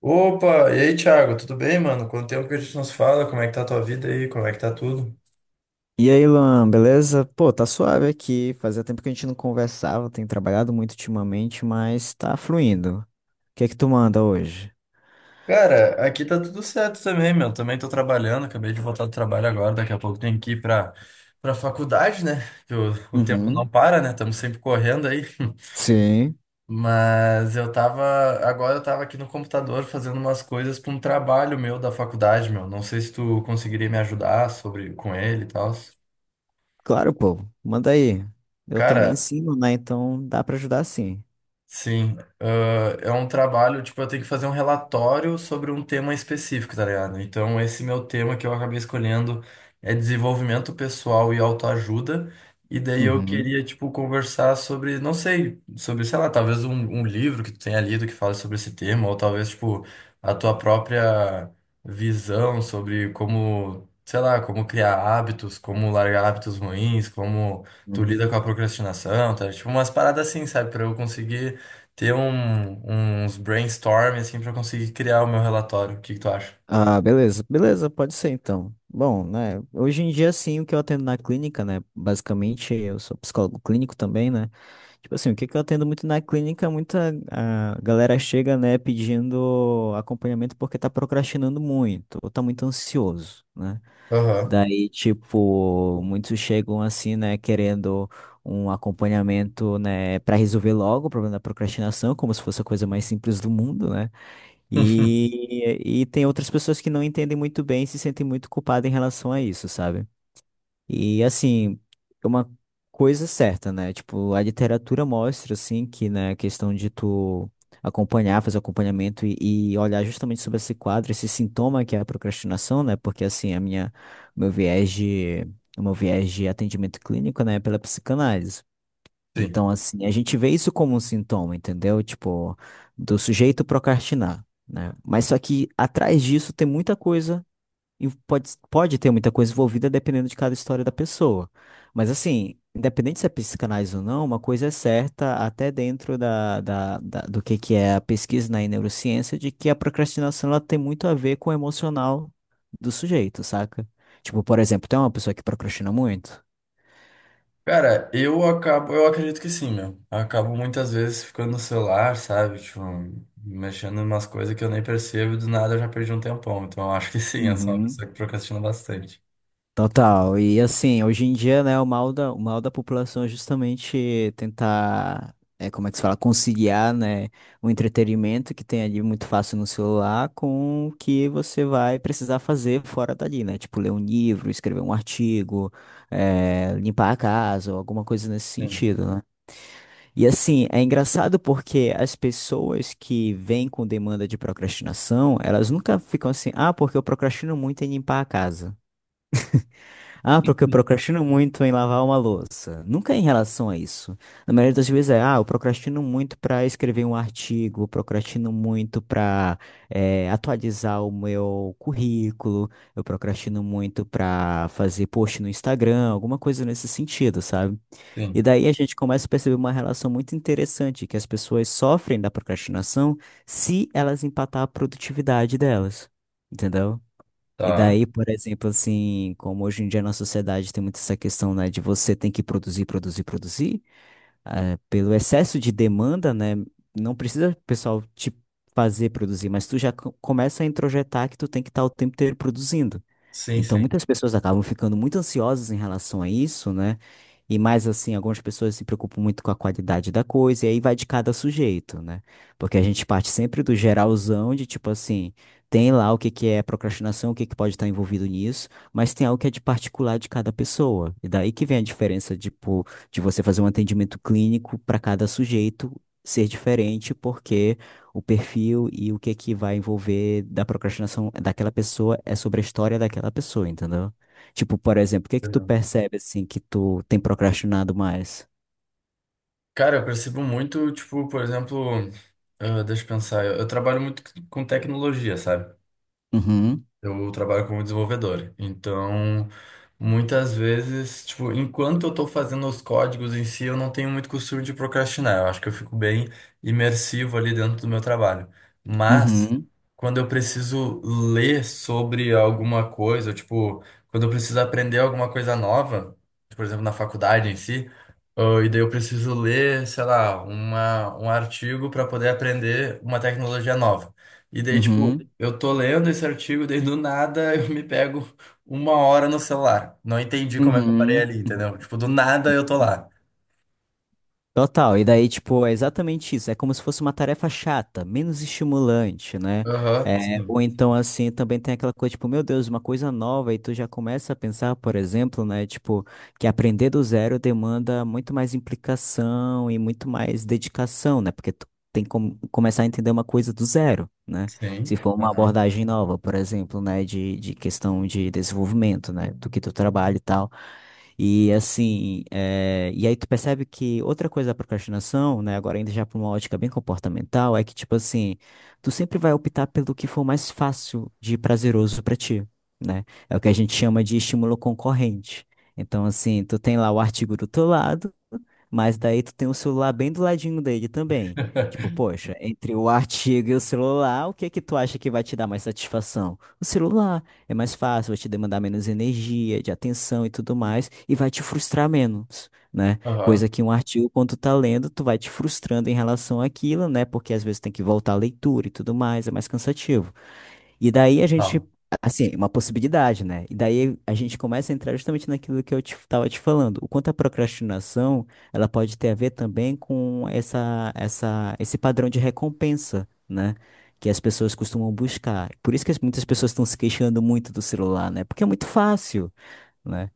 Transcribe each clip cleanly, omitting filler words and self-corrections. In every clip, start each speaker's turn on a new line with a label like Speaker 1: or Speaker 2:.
Speaker 1: Opa, e aí, Thiago, tudo bem, mano? Quanto tempo que a gente nos fala? Como é que tá a tua vida aí? Como é que tá tudo?
Speaker 2: E aí, Luan, beleza? Pô, tá suave aqui. Fazia tempo que a gente não conversava, tenho trabalhado muito ultimamente, mas tá fluindo. O que é que tu manda hoje?
Speaker 1: Cara, aqui tá tudo certo também, meu. Também tô trabalhando, acabei de voltar do trabalho agora, daqui a pouco tenho que ir pra faculdade, né? Que o, o tempo não
Speaker 2: Uhum.
Speaker 1: para, né? Estamos sempre correndo aí.
Speaker 2: Sim,
Speaker 1: Mas eu tava, agora eu tava aqui no computador fazendo umas coisas pra um trabalho meu da faculdade, meu. Não sei se tu conseguiria me ajudar sobre com ele e tal.
Speaker 2: claro, pô. Manda aí. Eu também
Speaker 1: Cara,
Speaker 2: ensino, né? Então dá pra ajudar sim.
Speaker 1: sim, é um trabalho, tipo, eu tenho que fazer um relatório sobre um tema específico, tá ligado? Então, esse meu tema que eu acabei escolhendo é desenvolvimento pessoal e autoajuda, e daí eu
Speaker 2: Uhum.
Speaker 1: queria, tipo, conversar sobre, não sei, sobre, sei lá, talvez um livro que tu tenha lido que fala sobre esse tema, ou talvez, tipo, a tua própria visão sobre como, sei lá, como criar hábitos, como largar hábitos ruins, como tu lida com a procrastinação, tá? Tipo, umas paradas assim, sabe? Pra eu conseguir ter uns brainstorm assim para conseguir criar o meu relatório. O que que tu acha?
Speaker 2: Ah, beleza, beleza, pode ser então. Bom, né, hoje em dia, sim, o que eu atendo na clínica, né, basicamente, eu sou psicólogo clínico também, né, tipo assim, o que que eu atendo muito na clínica, muita a galera chega, né, pedindo acompanhamento porque tá procrastinando muito, ou tá muito ansioso, né,
Speaker 1: Aham.
Speaker 2: daí, tipo, muitos chegam assim, né, querendo um acompanhamento, né, para resolver logo o problema da procrastinação, como se fosse a coisa mais simples do mundo, né, e tem outras pessoas que não entendem muito bem e se sentem muito culpadas em relação a isso, sabe? E assim, é uma coisa certa, né? Tipo, a literatura mostra, assim, que na questão de tu acompanhar, fazer acompanhamento e olhar justamente sobre esse quadro, esse sintoma que é a procrastinação, né? Porque assim, o meu viés de, o meu viés de atendimento clínico, né, é pela psicanálise.
Speaker 1: Sim.
Speaker 2: Então, assim, a gente vê isso como um sintoma, entendeu? Tipo, do sujeito procrastinar, né? Mas só que atrás disso tem muita coisa, e pode ter muita coisa envolvida dependendo de cada história da pessoa. Mas, assim, independente se é psicanálise ou não, uma coisa é certa, até dentro do que é a pesquisa na neurociência, de que a procrastinação ela tem muito a ver com o emocional do sujeito, saca? Tipo, por exemplo, tem uma pessoa que procrastina muito.
Speaker 1: Cara, eu acredito que sim, meu. Eu acabo muitas vezes ficando no celular, sabe? Tipo, mexendo em umas coisas que eu nem percebo e do nada eu já perdi um tempão. Então eu acho que sim, eu sou uma pessoa que procrastina bastante.
Speaker 2: Total. E assim, hoje em dia, né, o mal da população é justamente tentar, é, como é que se fala, conciliar, né, o entretenimento que tem ali muito fácil no celular com o que você vai precisar fazer fora dali, né? Tipo, ler um livro, escrever um artigo, é, limpar a casa ou alguma coisa nesse
Speaker 1: Sim.
Speaker 2: sentido, né? E assim, é engraçado porque as pessoas que vêm com demanda de procrastinação, elas nunca ficam assim, ah, porque eu procrastino muito em limpar a casa. Ah, porque eu procrastino muito em lavar uma louça. Nunca é em relação a isso. Na maioria das vezes é, ah, eu procrastino muito para escrever um artigo, procrastino muito para atualizar o meu currículo, eu procrastino muito para fazer post no Instagram, alguma coisa nesse sentido, sabe? E
Speaker 1: Sim.
Speaker 2: daí a gente começa a perceber uma relação muito interessante, que as pessoas sofrem da procrastinação se elas empatar a produtividade delas. Entendeu? E
Speaker 1: Tá.
Speaker 2: daí, por exemplo, assim, como hoje em dia na sociedade tem muito essa questão, né, de você tem que produzir, produzir, produzir, pelo excesso de demanda, né, não precisa o pessoal te fazer produzir, mas tu já começa a introjetar que tu tem que estar o tempo inteiro produzindo.
Speaker 1: Sim,
Speaker 2: Então,
Speaker 1: sim.
Speaker 2: muitas pessoas acabam ficando muito ansiosas em relação a isso, né? E mais assim, algumas pessoas se preocupam muito com a qualidade da coisa, e aí vai de cada sujeito, né? Porque a gente parte sempre do geralzão de tipo assim, tem lá o que que é procrastinação, o que que pode estar envolvido nisso, mas tem algo que é de particular de cada pessoa. E daí que vem a diferença, tipo, de você fazer um atendimento clínico para cada sujeito ser diferente, porque o perfil e o que é que vai envolver da procrastinação daquela pessoa é sobre a história daquela pessoa, entendeu? Tipo, por exemplo, o que é que tu
Speaker 1: Entendeu?
Speaker 2: percebe assim que tu tem procrastinado mais?
Speaker 1: Cara, eu percebo muito, tipo, por exemplo, ah, deixa eu pensar, eu trabalho muito com tecnologia, sabe?
Speaker 2: Uhum,
Speaker 1: Eu trabalho como desenvolvedor, então muitas vezes, tipo, enquanto eu estou fazendo os códigos em si, eu não tenho muito costume de procrastinar. Eu acho que eu fico bem imersivo ali dentro do meu trabalho. Mas
Speaker 2: uhum,
Speaker 1: quando eu preciso ler sobre alguma coisa, ou, tipo, quando eu preciso aprender alguma coisa nova, por exemplo, na faculdade em si, ah, e daí eu preciso ler, sei lá, um artigo para poder aprender uma tecnologia nova. E daí, tipo,
Speaker 2: uhum,
Speaker 1: eu tô lendo esse artigo, daí do nada eu me pego uma hora no celular. Não entendi como é que eu
Speaker 2: uhum.
Speaker 1: parei ali,
Speaker 2: Uhum.
Speaker 1: entendeu? Tipo, do nada eu tô lá.
Speaker 2: Total, e daí, tipo, é exatamente isso. É como se fosse uma tarefa chata, menos estimulante, né?
Speaker 1: Aham,
Speaker 2: É,
Speaker 1: sim.
Speaker 2: ou então, assim, também tem aquela coisa, tipo, meu Deus, uma coisa nova, e tu já começa a pensar, por exemplo, né? Tipo, que aprender do zero demanda muito mais implicação e muito mais dedicação, né? Porque tu tem que começar a entender uma coisa do zero, né? Se
Speaker 1: Sim.
Speaker 2: for uma
Speaker 1: Aham.
Speaker 2: abordagem nova, por exemplo, né? De questão de desenvolvimento, né? Do que tu trabalha e tal. E assim, é, e aí tu percebe que outra coisa da procrastinação, né, agora ainda já para uma ótica bem comportamental, é que tipo assim, tu sempre vai optar pelo que for mais fácil de prazeroso para ti, né? É o que a gente chama de estímulo concorrente. Então assim, tu tem lá o artigo do teu lado, mas daí tu tem o celular bem do ladinho dele também. Tipo, poxa, entre o artigo e o celular, o que que tu acha que vai te dar mais satisfação? O celular. É mais fácil, vai te demandar menos energia, de atenção e tudo mais, e vai te frustrar menos, né? Coisa
Speaker 1: Aham.
Speaker 2: que um artigo, quando tu tá lendo, tu vai te frustrando em relação àquilo, né? Porque às vezes tem que voltar à leitura e tudo mais, é mais cansativo. E daí a gente,
Speaker 1: Tá.
Speaker 2: assim, uma possibilidade, né? E daí a gente começa a entrar justamente naquilo que eu tava te falando. O quanto a procrastinação, ela pode ter a ver também com esse padrão de recompensa, né? Que as pessoas costumam buscar. Por isso que muitas pessoas estão se queixando muito do celular, né? Porque é muito fácil, né?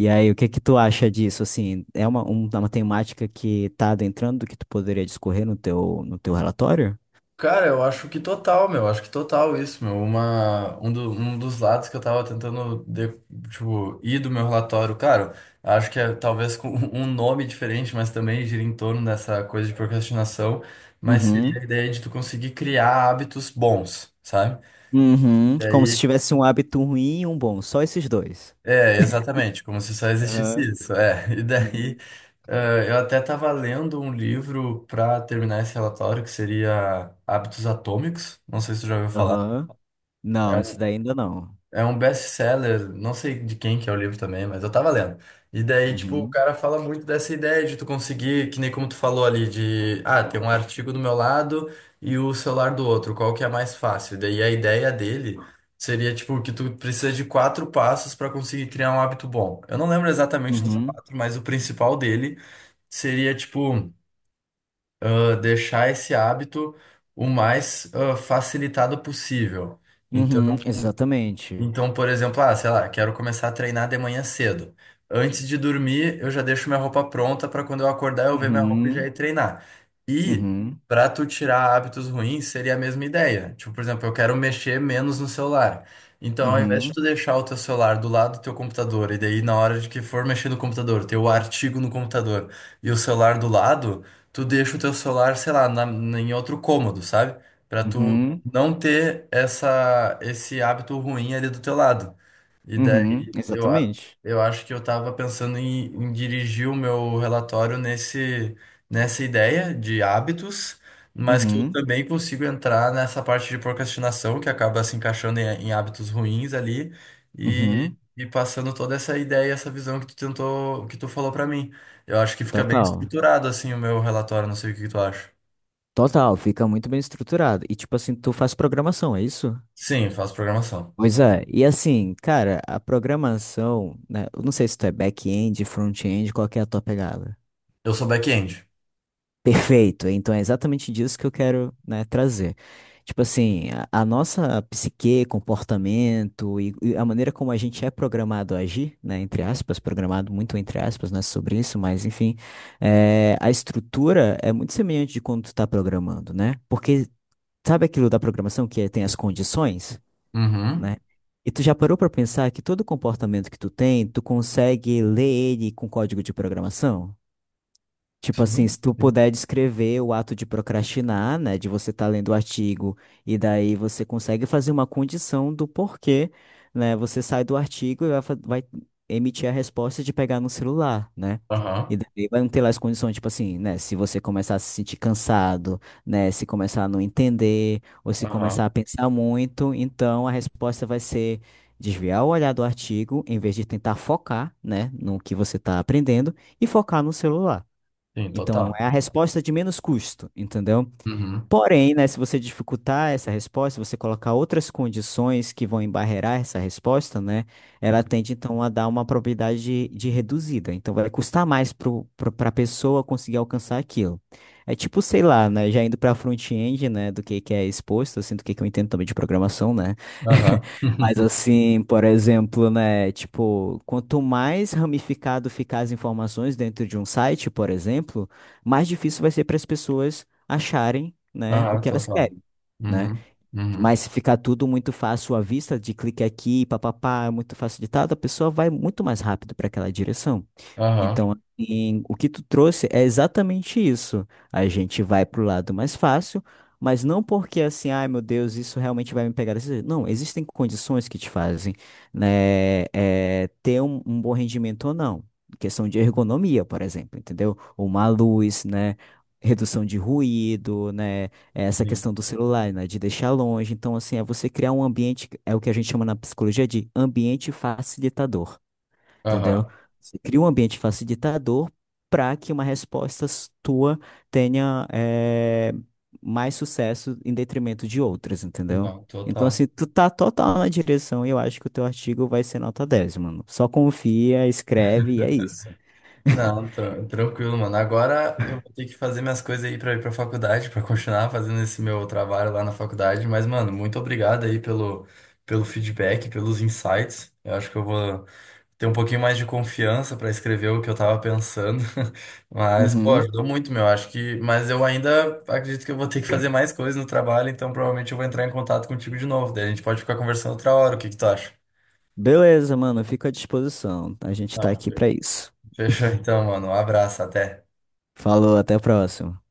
Speaker 2: E aí, o que que tu acha disso? Assim, é uma temática que tá adentrando que tu poderia discorrer no teu relatório?
Speaker 1: Cara, eu acho que total, meu. Acho que total isso, meu. Um dos lados que eu tava tentando, tipo, ir do meu relatório, claro, acho que é talvez com um nome diferente, mas também gira em torno dessa coisa de procrastinação, mas
Speaker 2: Uhum.
Speaker 1: seria a ideia de tu conseguir criar hábitos bons, sabe?
Speaker 2: Uhum,
Speaker 1: E
Speaker 2: como se
Speaker 1: aí
Speaker 2: tivesse um hábito ruim e um bom, só esses dois.
Speaker 1: é, exatamente, como se só existisse
Speaker 2: Aham.
Speaker 1: isso. É, e daí
Speaker 2: Uhum.
Speaker 1: eu até estava lendo um livro para terminar esse relatório que seria Hábitos Atômicos. Não sei se tu já ouviu falar.
Speaker 2: Aham. Não, esse
Speaker 1: É
Speaker 2: daí ainda não.
Speaker 1: É um best-seller, não sei de quem que é o livro também, mas eu tava lendo. E daí, tipo, o
Speaker 2: Uhum.
Speaker 1: cara fala muito dessa ideia de tu conseguir, que nem como tu falou ali, de, ah, tem um artigo do meu lado e o celular do outro, qual que é mais fácil? Daí a ideia dele seria, tipo, que tu precisa de quatro passos pra conseguir criar um hábito bom. Eu não lembro exatamente dos
Speaker 2: Uhum.
Speaker 1: quatro, mas o principal dele seria, tipo, ah, deixar esse hábito o mais ah, facilitado possível. Então,
Speaker 2: Uhum. Exatamente.
Speaker 1: então, por exemplo, ah, sei lá, quero começar a treinar de manhã cedo. Antes de dormir, eu já deixo minha roupa pronta para quando eu acordar eu ver minha roupa e já ir
Speaker 2: Uhum.
Speaker 1: treinar. E
Speaker 2: Uhum.
Speaker 1: para tu tirar hábitos ruins, seria a mesma ideia. Tipo, por exemplo, eu quero mexer menos no celular. Então, ao invés de
Speaker 2: Uhum.
Speaker 1: tu deixar o teu celular do lado do teu computador e daí na hora de que for mexer no computador, ter o artigo no computador e o celular do lado, tu deixa o teu celular, sei lá, em outro cômodo, sabe? Pra tu
Speaker 2: Uhum.
Speaker 1: não ter essa, esse hábito ruim ali do teu lado. E
Speaker 2: Uhum.
Speaker 1: daí eu, a-
Speaker 2: Exatamente.
Speaker 1: eu acho que eu tava pensando em dirigir o meu relatório nessa ideia de hábitos, mas que eu
Speaker 2: Uhum.
Speaker 1: também consigo entrar nessa parte de procrastinação, que acaba se encaixando em hábitos ruins ali,
Speaker 2: Uhum.
Speaker 1: e passando toda essa ideia, essa visão que tu tentou, que tu falou para mim. Eu acho que fica bem
Speaker 2: Total.
Speaker 1: estruturado assim o meu relatório, não sei o que que tu acha.
Speaker 2: Total, fica muito bem estruturado. E tipo assim, tu faz programação, é isso?
Speaker 1: Sim, faço programação.
Speaker 2: Pois é, e assim, cara, a programação, né? Eu não sei se tu é back-end, front-end, qual que é a tua pegada?
Speaker 1: Eu sou back-end.
Speaker 2: Perfeito. Então é exatamente disso que eu quero, né, trazer. Tipo assim, a nossa psique, comportamento e a maneira como a gente é programado a agir, né, entre aspas, programado muito entre aspas, né, sobre isso, mas enfim, é, a estrutura é muito semelhante de quando tu tá programando, né? Porque sabe aquilo da programação que tem as condições, né?
Speaker 1: Uhum.
Speaker 2: E tu já parou pra pensar que todo comportamento que tu tem, tu consegue ler ele com código de programação? Tipo assim,
Speaker 1: Sim,
Speaker 2: se tu
Speaker 1: sim.
Speaker 2: puder descrever o ato de procrastinar, né, de você estar lendo o artigo e daí você consegue fazer uma condição do porquê, né, você sai do artigo e vai emitir a resposta de pegar no celular, né?
Speaker 1: Aham,
Speaker 2: E daí vai não ter lá as condições, tipo assim, né, se você começar a se sentir cansado, né, se começar a não entender ou se começar
Speaker 1: aham.
Speaker 2: a pensar muito, então a resposta vai ser desviar o olhar do artigo em vez de tentar focar, né, no que você está aprendendo e focar no celular.
Speaker 1: Sim,
Speaker 2: Então,
Speaker 1: total.
Speaker 2: é a resposta de menos custo, entendeu?
Speaker 1: Uhum.
Speaker 2: Porém, né, se você dificultar essa resposta, se você colocar outras condições que vão embarrear essa resposta, né, ela tende então a dar uma probabilidade de reduzida. Então vai custar mais para a pessoa conseguir alcançar aquilo. É tipo, sei lá, né, já indo para front-end, né, do que é exposto, assim, do que eu entendo também de programação, né?
Speaker 1: Aham.
Speaker 2: Mas assim, por exemplo, né, tipo, quanto mais ramificado ficar as informações dentro de um site, por exemplo, mais difícil vai ser para as pessoas acharem, né, o
Speaker 1: Aham,
Speaker 2: que elas
Speaker 1: total.
Speaker 2: querem, né?
Speaker 1: Uhum. Uhum.
Speaker 2: Mas se ficar tudo muito fácil à vista, de clique aqui, papapá, é muito facilitado, a pessoa vai muito mais rápido para aquela direção.
Speaker 1: Aham,
Speaker 2: Então, assim, o que tu trouxe é exatamente isso. A gente vai pro lado mais fácil, mas não porque assim, ai meu Deus, isso realmente vai me pegar desse jeito. Não, existem condições que te fazem, né, é, ter um, um bom rendimento ou não. Questão de ergonomia, por exemplo, entendeu? Uma luz, né? Redução de ruído, né? É, essa
Speaker 1: sim.
Speaker 2: questão do celular, né? De deixar longe. Então, assim, é você criar um ambiente, é o que a gente chama na psicologia de ambiente facilitador. Entendeu?
Speaker 1: Aham.
Speaker 2: Você cria um ambiente facilitador para que uma resposta tua tenha eh, mais sucesso em detrimento de outras, entendeu?
Speaker 1: Não,
Speaker 2: Então,
Speaker 1: total.
Speaker 2: assim, tu tá total na direção e eu acho que o teu artigo vai ser nota 10, mano. Só confia, escreve e é isso.
Speaker 1: Não, tranquilo, mano. Agora eu vou ter que fazer minhas coisas aí pra ir pra faculdade, pra continuar fazendo esse meu trabalho lá na faculdade. Mas, mano, muito obrigado aí pelo feedback, pelos insights. Eu acho que eu vou ter um pouquinho mais de confiança para escrever o que eu tava pensando. Mas, pô,
Speaker 2: Uhum.
Speaker 1: ajudou muito, meu. Acho que. Mas eu ainda acredito que eu vou ter que fazer mais coisas no trabalho, então provavelmente eu vou entrar em contato contigo de novo. Daí a gente pode ficar conversando outra hora. O que que tu acha?
Speaker 2: Beleza, mano, fico à disposição. A gente tá
Speaker 1: Ah,
Speaker 2: aqui pra isso.
Speaker 1: Fechou então, mano. Um abraço, até.
Speaker 2: Falou, até a próxima.